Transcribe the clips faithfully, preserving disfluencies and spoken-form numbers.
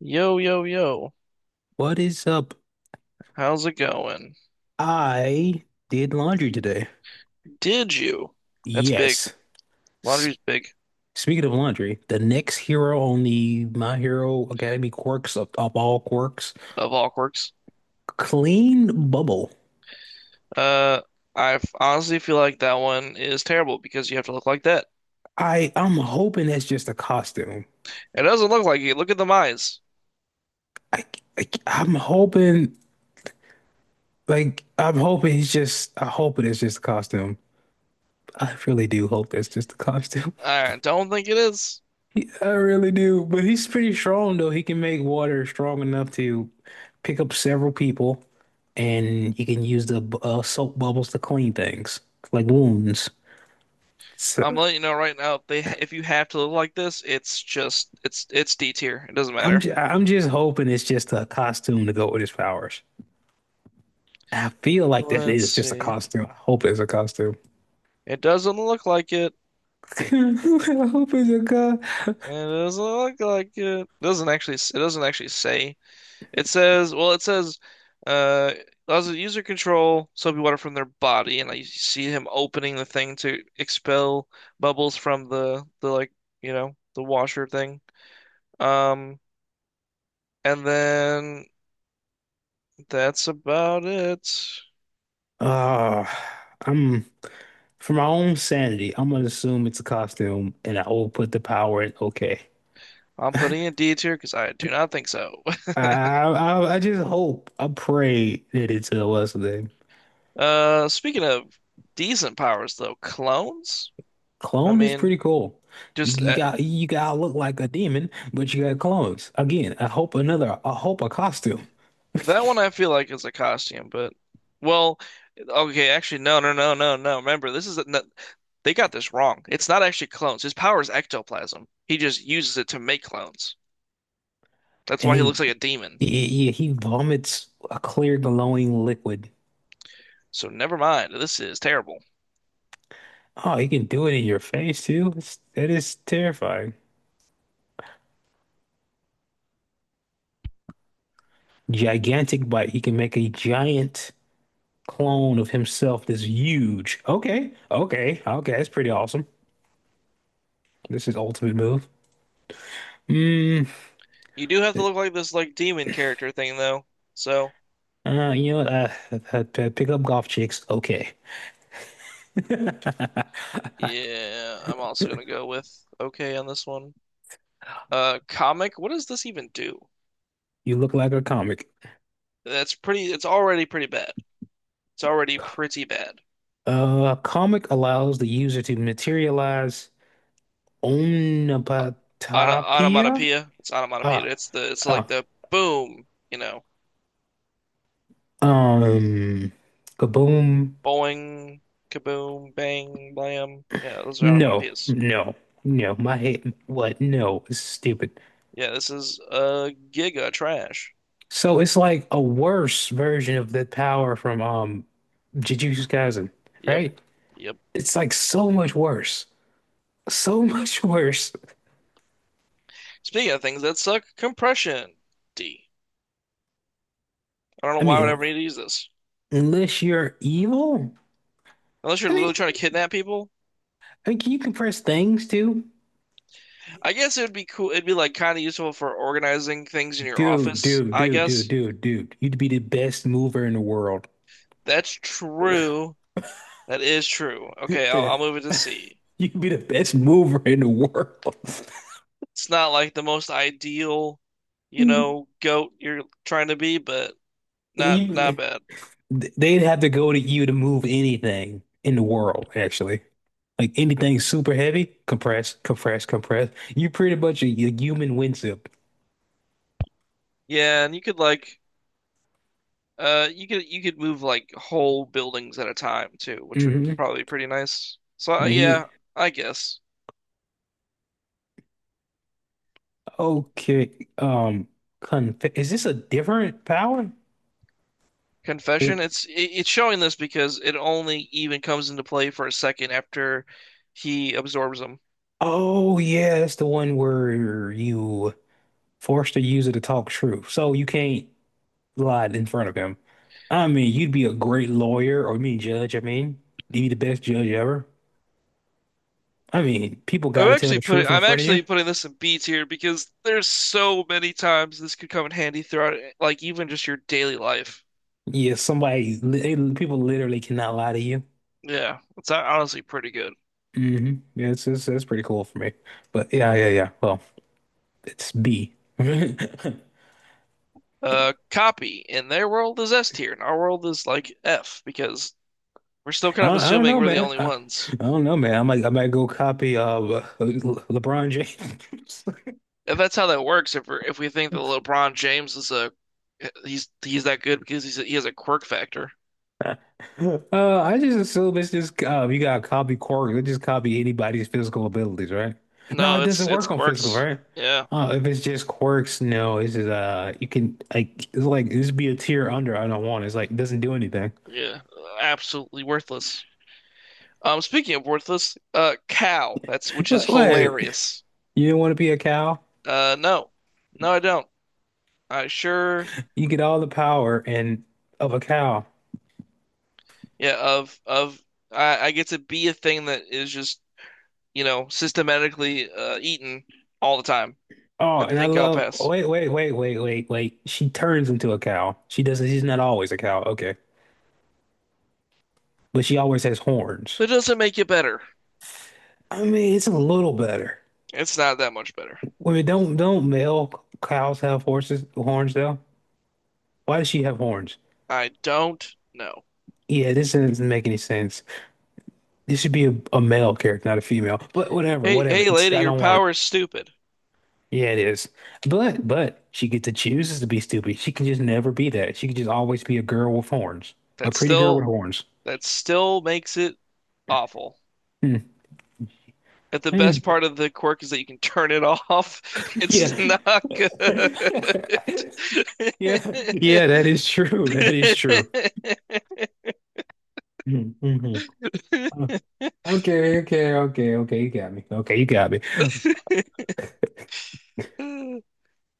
Yo, yo, yo. What is up? How's it going? I did laundry today. Did you? That's big. Yes. S Laundry's big speaking of laundry, the next hero on the My Hero Academy quirks of, of all quirks, of all quirks. Clean Bubble. Uh, I f- honestly feel like that one is terrible because you have to look like that. I I'm hoping that's just a costume. It doesn't look like it. Look at the eyes. I, I I'm hoping like I'm hoping it's just I hope it is just a costume. I really do hope that's just a costume. I don't think it is. He- I really do, but he's pretty strong though. He can make water strong enough to pick up several people, and he can use the bu- uh, soap bubbles to clean things like wounds. I'm So letting you know right now. If they, ha- If you have to look like this, it's just, it's, it's D tier. It doesn't I'm matter. just, I'm just hoping it's just a costume to go with his powers. I feel like that Let's is just a see. costume. I hope it's a costume. It doesn't look like it. I hope it's a co- It doesn't look like it. It doesn't actually. S- It doesn't actually say. It says, well, it says, uh, allows the user control soapy water from their body, and I see him opening the thing to expel bubbles from the the like, you know, the washer thing. Um, and then that's about it. uh, I'm for my own sanity. I'm gonna assume it's a costume, and I will put the power in. Okay. I'm putting a D tier because I do not think so. I, I I just hope I pray that it's a what's the name? Uh, speaking of decent powers though, clones. I Clone is mean, pretty cool. You, just you uh, got you gotta look like a demon, but you got clones. Again, I hope another I hope a costume. that one I feel like is a costume, but well, okay, actually no, no, no, no, no. Remember, this is a, no, they got this wrong. It's not actually clones. His power is ectoplasm. He just uses it to make clones. That's And why he he looks like a demon. he, he vomits a clear glowing liquid. So never mind. This is terrible. Oh, he can do it in your face too. It's, that is terrifying. Gigantic bite. He can make a giant clone of himself that's huge. Okay, okay, okay. That's pretty awesome. This is ultimate move. Hmm. You do have to look like this like demon character thing though. So, Uh, you know what? Uh, uh, p- pick up golf chicks. Okay. yeah, I'm also gonna go with okay on this one. Uh, comic, what does this even do? You look like a comic. That's pretty, it's already pretty bad. It's already pretty bad. Uh, a comic allows the user to materialize Ona, omnipotopia. onomatopoeia. It's onomatopoeia. Ah, It's the it's like ah, the boom, you know, um, kaboom. boing, kaboom, bang, blam. Yeah, those are No, onomatopoeias. no, no. My head, what? No, it's stupid. Yeah, this is uh, giga trash. So it's like a worse version of the power from um Jujutsu Kaisen, Yep, right? yep. It's like so much worse. So much worse. Speaking of things that suck, compression. D. I don't know I why I would mean, ever need to use this. unless you're evil. Unless you're I mean, literally trying to kidnap people. I mean, can you compress things too? I guess it would be cool. It'd be like kind of useful for organizing things in your Dude, office, dude, I dude, dude, guess. dude, dude. You'd be the best mover in the world. That's true. That is true. Okay, I'll, I'll You'd move it to C. be the best mover in the world. It's not like the most ideal, you know, goat you're trying to be, but not not You, bad. they'd have to go to you to move anything in the world, actually. Like anything super heavy, compress, compress, compress. You're pretty much a, a human windsuit. Yeah, and you could like uh you could you could move like whole buildings at a time too, which would Mm-hmm. probably be pretty nice. So uh, And yeah, he, I guess. okay. Um, conf is this a different power? Confession, it's it, it's showing this because it only even comes into play for a second after he absorbs them. Oh yeah, that's the one where you force the user to talk truth. So you can't lie in front of him. I mean, you'd be a great lawyer or I mean judge, I mean. You'd be the best judge ever. I mean, people I'm gotta tell actually the putting truth in I'm front of you. actually putting this in B tier because there's so many times this could come in handy throughout like even just your daily life. Yeah, somebody they- people literally cannot lie to you. Yeah, it's honestly pretty good. hmm Yeah, it's, it's that's pretty cool for me. But yeah, yeah, yeah. Well, it's B. Uh, copy in their world is S tier, and our world is like F because we're still I kind of don't, I don't assuming know, we're the man. only I, ones. I don't know, man. I might I might go copy uh Le- LeBron James. If that's how that works, if we're, if we think that LeBron James is a he's he's that good because he's a, he has a quirk factor. Uh, I just assume it's just uh, you gotta copy Corey. You just copy anybody's physical abilities, right? No, No, it it's doesn't it's work on physical, quirks. right? Yeah, Uh, if it's just quirks, no, it's just uh, you can like it's like this be a tier under. I don't want. It's like it doesn't do anything. yeah, absolutely worthless. Um, speaking of worthless, uh, cow. That's which is What, what? hilarious. You don't want to be a cow? Uh, no, no, I don't. I sure. You get all the power and of a cow. Yeah, of of I, I get to be a thing that is just, you know, systematically uh, eaten all the time. Oh, I and I think I'll love. Oh, pass. wait, wait, wait, wait, wait, wait. She turns into a cow. She doesn't. She's not always a cow. Okay, but she always has horns. But it doesn't make it better. I mean, it's a little better. It's not that much better. Wait, don't don't male cows have horses horns though? Why does she have horns? I don't know. Yeah, this doesn't make any sense. This should be a, a male character, not a female. But whatever, Hey, whatever. hey, It's, lady, I your don't want it. power is stupid. Yeah, it is. But but she gets to choose to be stupid. She can just never be that. She can just always be a girl with horns, a That pretty girl with still horns. that still makes it awful. Hmm. If the best part of the quirk is that you can turn it off, it's Yeah, not good. yeah, yeah, that is true. That is true. hmm Okay, okay, okay, okay. You got me. Okay, you got me.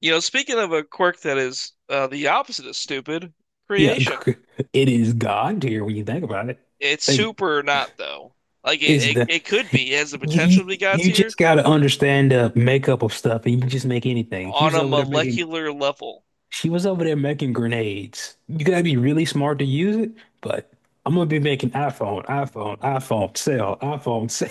You know, speaking of a quirk that is uh, the opposite of stupid, Yeah, creation. g- it is God tier when you think about it. It's Like, super not though. Like it, it's it, the it could be. It has the you you, potential to be God you tier just got to understand the makeup of stuff, and you can just make anything. She on was a over there making molecular level. she was over there making grenades. You gotta be really smart to use it, but I'm gonna be making iPhone, iPhone, iPhone, sell, iPhone, sell.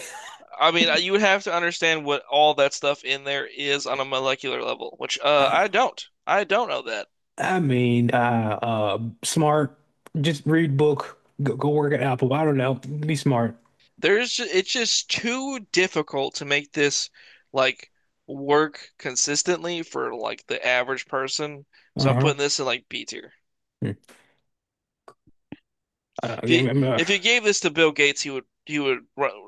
I mean, you would have to understand what all that stuff in there is on a molecular level, which uh, I don't. I don't know that. I mean, uh, uh, smart. Just read book. Go, go work at Apple. I don't know. Be smart. There's it's just too difficult to make this like work consistently for like the average person. So I'm Uh-huh. putting this in like B tier. Hmm. Uh, If you again, uh, if you gave this to Bill Gates, he would he would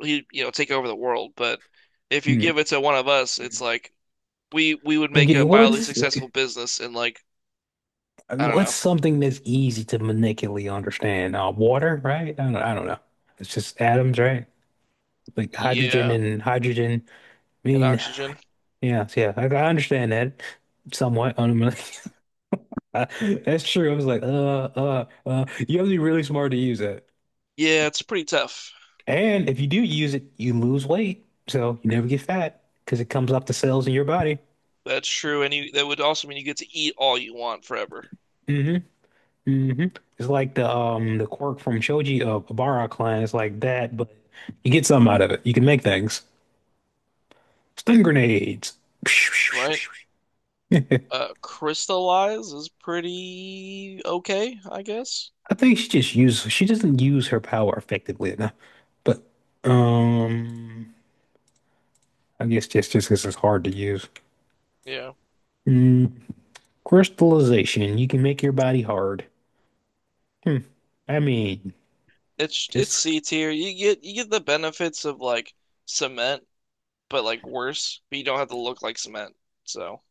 he you know take over the world. But if you give hmm. it to one of us, it's like we we would make Okay, a mildly what's successful okay, business in like I I mean, don't what's know, something that's easy to manipulate, understand? Uh, water, right? I don't, I don't know. It's just atoms, right? Like hydrogen yeah, and hydrogen. I and mean, oxygen. yeah, so yeah. I, I understand that somewhat. I That's true. I was like, uh, uh, uh. You have to be really smart to use that. Yeah, it's pretty tough. And if you do use it, you lose weight. So you never get fat because it comes off the cells in your body. That's true, and you that would also mean you get to eat all you want forever, hmm hmm It's like the um the quirk from Shoji uh, Obara clan. It's like that, but you get something out of it. You can make things. Stun grenades. right? I Uh, crystallize is pretty okay, I guess. think she just uses she doesn't use her power effectively enough. But um I guess just just because it's hard to use. Yeah, Mm, crystallization. You can make your body hard. Hmm. I mean, it's it's it's C tier. You get you get the benefits of like cement but like worse. But you don't have to look like cement. So,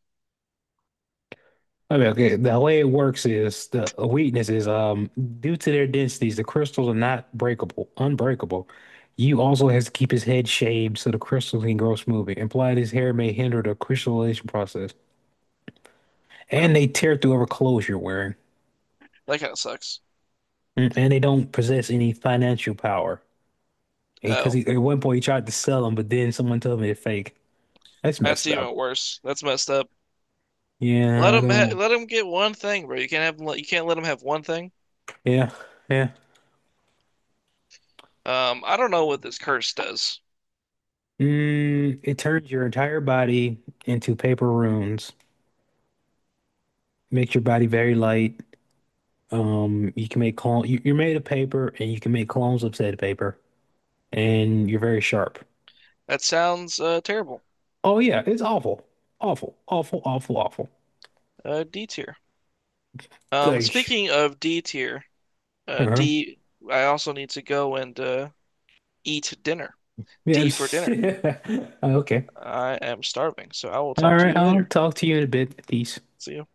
I mean, okay, the way it works is the a weakness is um due to their densities, the crystals are not breakable, unbreakable. You also has to keep his head shaved so the crystals can grow smoothly. Implied his hair may hinder the crystallization process. and I'm, And they tear through whatever clothes you're wearing. that kind of sucks. Mm, And they don't possess any financial power. Because Oh, he, at one point he tried to sell them, but then someone told me they're fake. That's that's messed up. even worse. That's messed up. Let Yeah, I them ha don't. let them get one thing, bro. You can't have 'em you can't let them have one thing. Yeah, yeah. Um, I don't know what this curse does. Mm, it turns your entire body into paper runes. Makes your body very light. Um, you can make clone. You, you're made of paper, and you can make clones of said paper, and you're very sharp. That sounds uh, terrible. Oh yeah, it's awful, awful, awful, awful, awful. Uh, D tier. Um, Like, Speaking of D tier, uh, uh-huh. D, I also need to go and uh, eat dinner. Yeah. D for dinner. Okay. I am starving, so I will talk All to right. you I'll later. talk to you in a bit. Peace. See you.